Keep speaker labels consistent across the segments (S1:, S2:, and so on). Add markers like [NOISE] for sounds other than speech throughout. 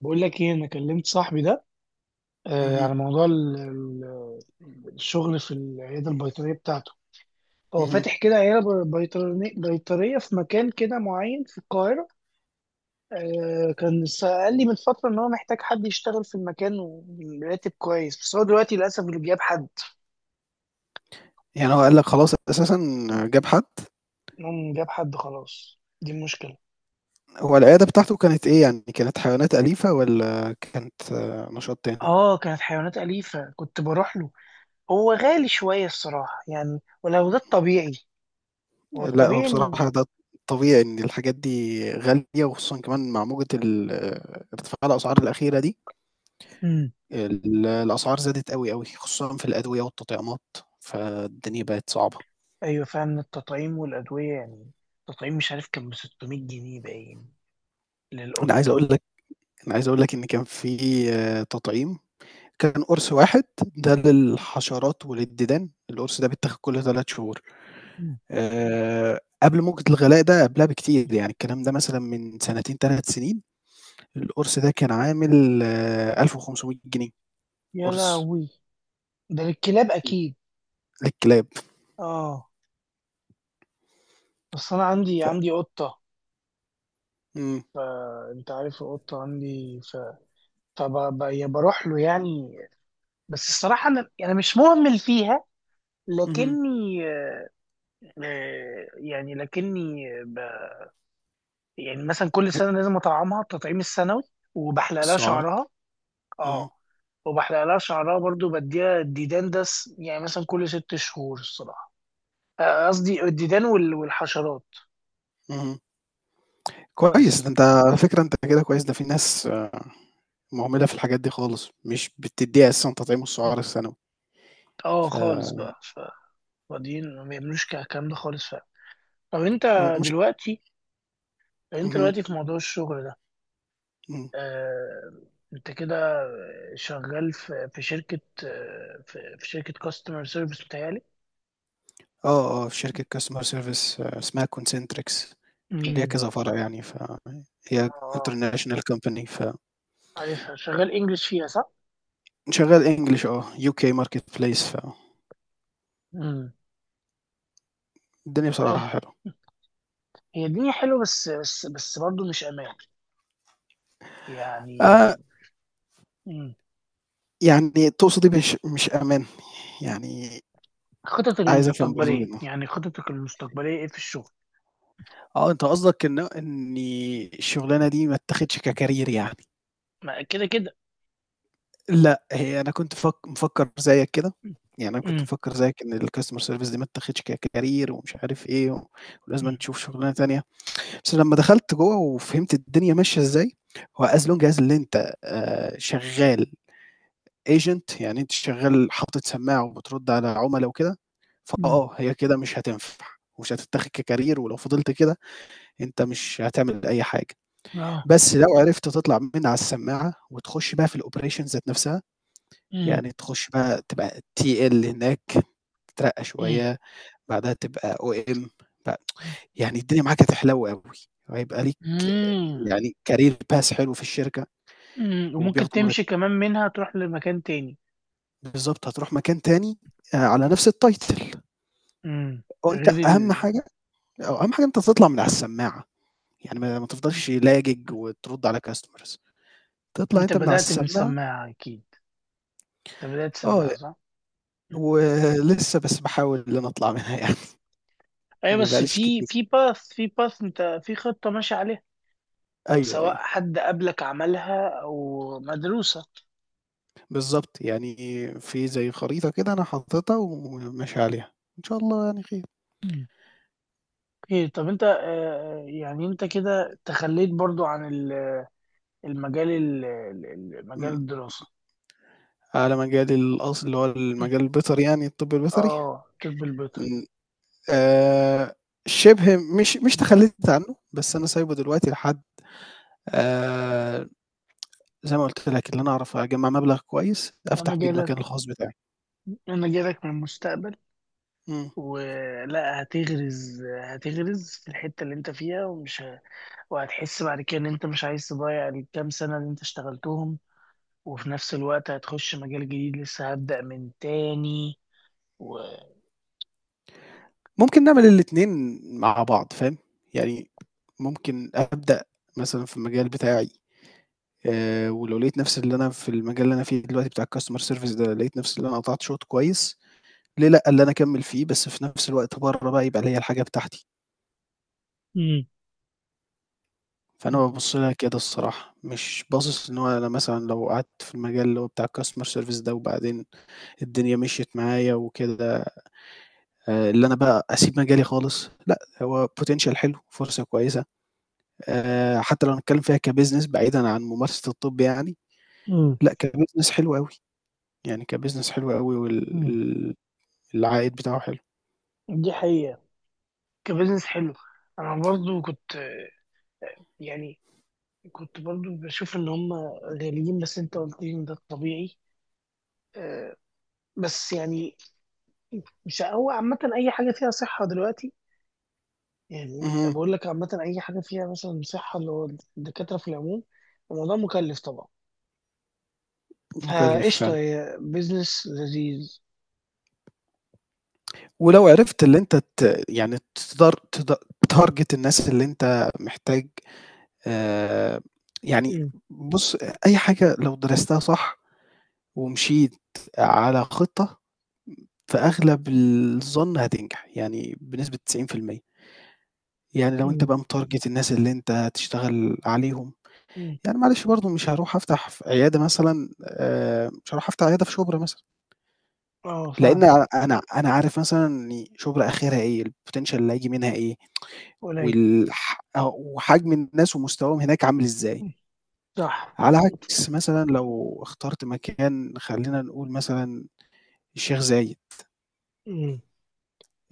S1: بقول لك ايه، انا كلمت صاحبي ده آه
S2: اهم،
S1: على موضوع الشغل في العياده البيطريه بتاعته. هو
S2: اهم.
S1: فاتح كده عياده بيطريه في مكان كده معين في القاهره. قال لي من فتره ان هو محتاج حد يشتغل في المكان وراتب كويس، بس هو دلوقتي للاسف اللي جاب حد.
S2: يعني هو قال لك خلاص أساسًا جاب حد،
S1: إنهم جاب حد خلاص، دي المشكله.
S2: هو العيادة بتاعته كانت إيه يعني، كانت حيوانات أليفة والّا كانت نشاط تاني؟
S1: اه، كانت حيوانات اليفه، كنت بروح له. هو غالي شويه الصراحه يعني، ولو ده الطبيعي. هو
S2: لأ هو
S1: الطبيعي ان...
S2: بصراحة ده طبيعي إن الحاجات دي غالية وخصوصًا كمان مع موجة ال آه، ارتفاع الأسعار الأخيرة دي،
S1: مم.
S2: الأسعار زادت أوي، أوي، خصوصًا في الأدوية والتطعيمات، فالدنيا بقت صعبة.
S1: ايوه فعلا، التطعيم والادويه يعني، التطعيم مش عارف كان ب 600 جنيه باين،
S2: أنا عايز
S1: للقطه.
S2: أقول لك أنا عايز أقول لك إن كان في تطعيم، كان قرص واحد ده للحشرات وللديدان، القرص ده بيتاخد كل 3 شهور.
S1: مم.
S2: قبل موجة الغلاء ده قبلها بكتير، يعني الكلام ده مثلًا من سنتين 3 سنين، القرص ده كان عامل 1500 جنيه
S1: يا
S2: قرص
S1: لهوي. ده للكلاب اكيد.
S2: للكلاب،
S1: اه، بس انا عندي
S2: ف
S1: عندي قطه.
S2: إمم،
S1: انت عارف القطه عندي. فبروح له يعني. بس الصراحه انا مش مهمل فيها،
S2: اهم،
S1: لكني آه، يعني لكني ب... يعني مثلا كل سنه لازم اطعمها التطعيم السنوي، وبحلق لها
S2: السُعار،
S1: شعرها.
S2: اهم،
S1: اه. وبحلق لها شعرها برضو، بديها الديدان يعني مثلا كل 6 شهور الصراحة. قصدي الديدان والحشرات،
S2: اهم، كويس ده
S1: بس.
S2: أنت على فكرة أنت كده كويس، ده في ناس مهملة في الحاجات دي خالص، مش بتدّيها أساسًا تطعيم السُعار السنوي،
S1: اه،
S2: ف
S1: خالص بقى. فاضيين ما بيعملوش الكلام ده خالص، فعلا. طب انت
S2: مش
S1: دلوقتي انت
S2: اهم،
S1: دلوقتي في موضوع الشغل ده.
S2: إمم،
S1: آه... انت كده شغال في شركة. في شركة كاستمر سيرفيس بتهيألي.
S2: في شركة customer service اسمها concentrix ليها
S1: امم.
S2: كذا فرع يعني،
S1: اه،
S2: فهي
S1: آه.
S2: international company ف
S1: عارفها شغال انجلش فيها صح؟
S2: شغال English UK marketplace
S1: امم.
S2: فالدنيا
S1: حلو.
S2: بصراحة حلوة.
S1: هي الدنيا حلوة، بس برضه مش أمان يعني.
S2: آآ
S1: مم.
S2: يعني تقصد إيه مش مش أمان؟ يعني عايز أفهم برضه منّك.
S1: خططك المستقبلية إيه في الشغل؟
S2: أنت قصدك إنّي الشغلانة دي ما اتّاخدش كcareer يعني.
S1: ما كده كده.
S2: لأ، هي أنا كنت مفكّر زيّك كده، يعني أنا كنت
S1: مم.
S2: مفكّر زيّك إن الcustomer service دي ما اتّاخدش كcareer ومش عارف إيه، ولازمًا
S1: مم.
S2: تشوف شغلانة تانية، بس لمّا دخلت جوّه وفهمت الدنيا ماشية إزاي، هو as long as اللي أنت شغّال agent يعني أنتِ شغّال حاطط سماعة وبترُد على عُملا وكده،
S1: مم.
S2: هي كده مش هتنفع ومش هتتاخد كcareer ولو فضلت كده أنت مش هتعمل أي حاجة،
S1: آه.
S2: بس لو عرفت تطلع من على السماعة وتخُش بقى في الoperation ذات نَفْسها،
S1: مم.
S2: يعني تخُش بقى تبقى TL هناك، تترقّى
S1: مم.
S2: شوية، بعدها تبقى OM ب يعني الدنيا معاك هتحلو أوي، وهيبقى ليك
S1: مم.
S2: يعني career path حلو في الشركة
S1: مم. وممكن
S2: وبياخدوا
S1: تمشي كمان منها، تروح لمكان تاني.
S2: بالضبط، هتروح مكان تاني على نَفْس الtitle.
S1: مم.
S2: هو أنت
S1: غير
S2: أهم
S1: ال...
S2: حاجة آه، أهم حاجة أنت تطلع من على السماعة، يعني ما ما
S1: مم.
S2: تفضلش لاجج وترُد على customers تطلع
S1: أنت
S2: أنت من على
S1: بدأت من
S2: السماعة
S1: سماعة أكيد، أنت بدأت
S2: آه،
S1: سماعة صح؟
S2: ولسه بس باحاول إن أنا أطلع منها يعني [LAUGHS]
S1: أيوة،
S2: ما
S1: بس
S2: بقاليش كتير.
S1: في باث، أنت في خطة ماشي عليها،
S2: أيوه،
S1: سواء
S2: أيوه،
S1: حد قبلك عملها او مدروسة.
S2: بالضبط، يعني في زي خريطة كده أنا حاططها وماشي عليها، إن شاء الله يعني خير.
S1: مم. اوكي، طب انت يعني انت كده تخليت برضو عن المجال مجال
S2: إمم،
S1: الدراسة.
S2: على مجال الأصل اللي هو
S1: مم.
S2: المجال البيطري يعني الطب البيطري،
S1: اه، طب البيطري.
S2: إمم، آآ، شِبه مش مش
S1: مم.
S2: تخلّيت عنه، بس أنا سايبه دلوقتي لحد آآ زي ما قُلت لك، اللي أنا أعرف أجمّع مبلغ كويس
S1: انا
S2: أفتح بيه
S1: جايلك
S2: المكان الخاص بتاعي.
S1: انا جايلك من المستقبل.
S2: إمم.
S1: ولا هتغرز في الحتة اللي انت فيها، ومش وهتحس بعد كده ان انت مش عايز تضيع الكام سنة اللي انت اشتغلتهم، وفي نفس الوقت هتخش مجال جديد لسه هبدأ من تاني.
S2: ممكن نعمل الاتنين مع بعض فاهم، يعني ممكن أبدأ مثلًا في المجال بتاعي ولو لقيت نفسي اللي أنا في المجال اللي أنا فيه دلوقتي بتاع الcustomer service ده، لقيت نفسي اللي أنا قطعت شوط كويس، ليه لأ اللي أنا أكمّل فيه، بس في نفس الوقت برّه بقى يبقى ليّا الحاجة بتاعتي.
S1: امم،
S2: فأنا بابُص لها كده الصراحة، مش باصص إن هو أنا مثلًا لو قعدت في المجال اللي هو بتاع الcustomer service ده وبعدين الدنيا مشيت معايا وكده اللي أنا بقى أسيب مجالي خالص، لأ، هو potential حلو، فرصة كويسة، حتى لو هنتكلّم فيها كbusiness بعيدًا عن ممارسة الطب يعني،
S1: امم،
S2: لأ كbusiness حلو أوي، يعني كbusiness حلو أوي وال
S1: امم.
S2: ال العائد بتاعه حلو.
S1: دي حقيقة. كبزنس حلو. انا برضو يعني كنت برضو بشوف ان هم غاليين، بس انت قلت لي ان ده الطبيعي. آه، بس يعني، مش هو عامة اي حاجة فيها صحة دلوقتي يعني. أنا
S2: اهم،
S1: بقول لك عامة اي حاجة فيها مثلا صحة، اللي هو الدكاترة في العموم، الموضوع مكلف طبعا،
S2: مكلّف
S1: فقشطة
S2: فعلًا.
S1: هي بزنس لذيذ.
S2: ولو عرفت اللي أنت يعني تدار تد تtarget الناس اللي أنت محتاج آآ يعني
S1: امم.
S2: بُص، أي حاجة لو درستها صح ومشيت على خطة فأغلب الظن هتنجح، يعني بنسبة 90%. يعني لو أنت
S1: امم.
S2: بقى متارجت الناس اللي أنت هتشتغل عليهم،
S1: امم.
S2: يعني معلش برضه مش هاروح أفتح ف عيادة مثلًا مش هاروح أفتح عيادة في شُبرا مثلًا،
S1: اه
S2: لإن
S1: فاهم.
S2: أ أنا أنا عارف مثلًا إن شُبرا آخرها إيه، الpotential اللي هييجي منها إيه،
S1: قليل.
S2: وحجم الناس ومستواهم هناك عامل إزاي،
S1: مم. صح.
S2: على عكس مثلًا لو اخترت مكان خلّينا نقول مثلًا الشيخ زايد،
S1: امم.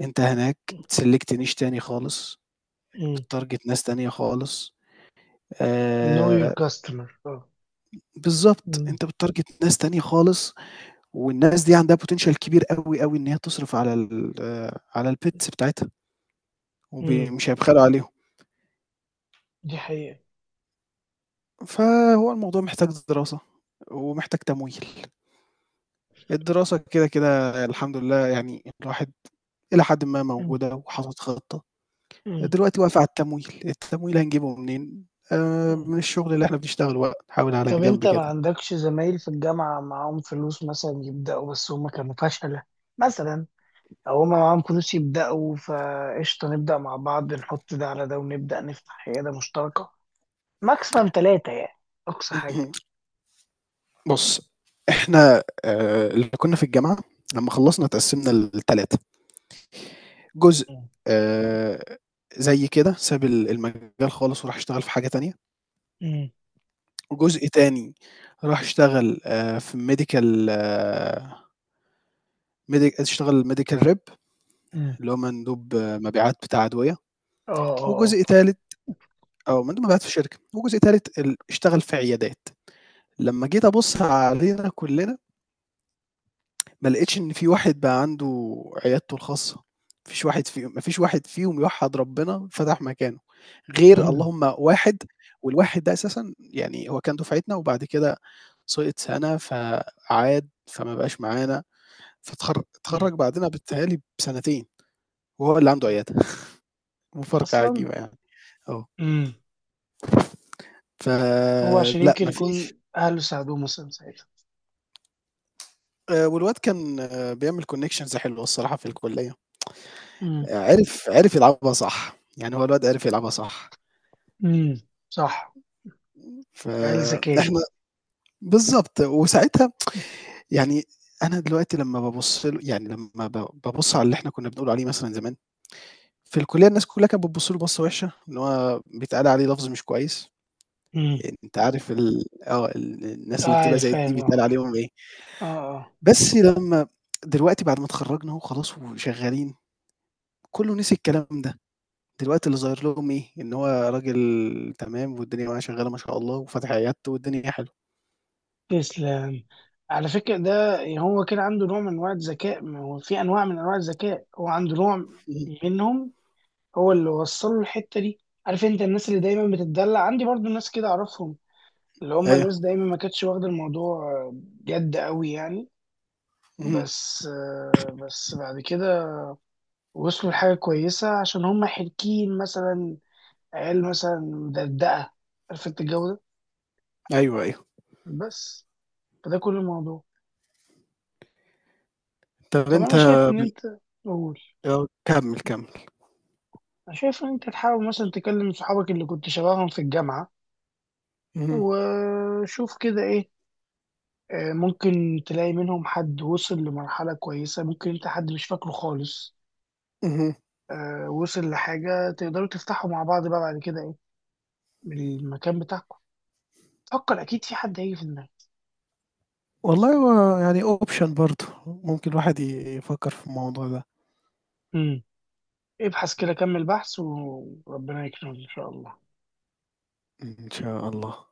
S2: أنت هناك select niche تاني خالص.
S1: مم.
S2: بتارجت ناس تانية خالص
S1: Know your
S2: آآ
S1: customer. اه.
S2: بالضبط،
S1: مم.
S2: أنت بتارجت ناس تانية خالص، والناس دي عندها potential كبير أوي، أوي إن هي تصرف على ال آه، على الpets بتاعتها،
S1: مم.
S2: مش هيبخلوا عليهم،
S1: دي حقيقة.
S2: فهو الموضوع محتاج دراسة، ومحتاج تمويل، الدراسة كده، كده الحمد لله يعني الواحد إلى حدٍ ما
S1: مم.
S2: موجودة وحاطط خطة،
S1: مم.
S2: دلوقتي واقف على التمويل، التمويل هنجيبه منين؟
S1: مم.
S2: من الشغل اللي إحنا بنشتغله بقى، نحاول على
S1: طب
S2: جنب
S1: انت ما
S2: كده.
S1: عندكش زمايل في الجامعة معاهم فلوس، مثلا يبدأوا بس هما كانوا فشلة، مثلا، او هما معاهم فلوس يبدأوا فقشطة، نبدأ مع بعض، نحط ده على ده، ونبدأ نفتح عيادة مشتركة، ماكسيمم ثلاثة يعني، أقصى حاجة.
S2: [LAUGHS] بُص، إحنا اللي كُنّا في الجامعة لمّا خلّصنا اتقسّمنا ل3، جزء
S1: مم.
S2: آآ زي كده ساب المجال خالص وراح اشتغل في حاجة تانية،
S1: مم.
S2: وجزء تاني راح اشتغل في medical medi اشتغل medical rep
S1: مم.
S2: اللي هو مندوب مبيعات بتاع أدوية،
S1: اه، اه، آه.
S2: وجزء تالت مندوب مبيعات في شركة، وجزء تالت اشتغل في عيادات. لمّا جيت أبُص علينا كُلّنا ما لقيتش إن في واحد بقى عنده عيادته الخاصة، ما فيش واحد فيهم يوحّد ربنا فتح مكانه، غير
S1: مم.
S2: اللهم واحد والواحد ده أساسًا يعني هو كان دُفعتنا وبعد كده سقط سَنة فعاد، فما بقاش معانا،
S1: مم.
S2: اتخرّج بعدنا بيتهيأ لي بسنتين وهو اللي عنده عيادة، [LAUGHS] مفارقة
S1: أصلا.
S2: عجيبة يعني، آه،
S1: مم. هو عشان
S2: فلأ
S1: يمكن
S2: ما
S1: يكون
S2: فيش
S1: أهله ساعدوه مثلا ساعتها.
S2: والواد كان بيعمل connections حلوة الصراحة في الكُلّية، عرف عرف يلعبها صح، يعني هو الواد عرف يلعبها صح.
S1: امم. صح. عيال ذكية.
S2: فإحنا بالضبط، وساعتها يعني أنا دلوقتي لمّا بابُص له يعني لمّا بابُص على اللي إحنا كُنّا بنقول عليه مثلًا زمان، في الكُلّية الناس كُلّها كانت بتبُص له بصّة وِحشة، إن هو بيتقال عليه لفظ مش كويس،
S1: امم.
S2: يعني أنت عارف ال آه، ال الناس
S1: آه،
S2: اللي بتبقى
S1: عارف،
S2: زي دي
S1: فاهم،
S2: بيتقال
S1: اه.
S2: عليهم إيه،
S1: اه، اه.
S2: بس لمّا دلوقتي بعد ما اتخرّجنا أهو خلاص وشغّالين، كُلّه نسي الكلام ده، دلوقتي اللي ظاهر لهم إيه، إن هو راجل تمام والدنيا معاه شغّالة ما شاء الله وفاتح عيادته والدنيا حلوة.
S1: تسلم. على فكرة، ده هو كده عنده نوع من أنواع الذكاء، ما هو في أنواع من أنواع الذكاء، هو عنده نوع
S2: اهم،
S1: منهم. هو اللي وصل له الحتة دي. عارف أنت الناس اللي دايما بتتدلع عندي، برضو ناس كده أعرفهم، اللي هم
S2: أيوه،
S1: ناس دايما ما كانتش واخدة الموضوع جد قوي يعني،
S2: اهم،
S1: بس بعد كده وصلوا لحاجة كويسة، عشان هم حركين مثلا، عيال مثلا مدردقة، عارف أنت الجو ده.
S2: أيوه، أيوه.
S1: بس. فده كل الموضوع.
S2: طَب
S1: طب
S2: أنت
S1: انا شايف ان
S2: بن
S1: انت. قول.
S2: آه، كمّل، كمّل.
S1: انا شايف ان انت تحاول مثلا تكلم صحابك اللي كنت شبههم في الجامعة،
S2: اهم،
S1: وشوف كده ايه. ممكن تلاقي منهم حد وصل لمرحلة كويسة، ممكن انت حد مش فاكره خالص.
S2: اهم.
S1: وصل لحاجة تقدروا تفتحوا مع بعض بقى، بعد كده ايه، من المكان بتاعكم. فكر اكيد في حد هيجي في دماغك.
S2: والله هو يعني option برضه، ممكن الواحد يفكّر في الموضوع ده.
S1: امم. ابحث كده، كمل بحث، وربنا يكرمك ان شاء الله.
S2: إن شاء الله.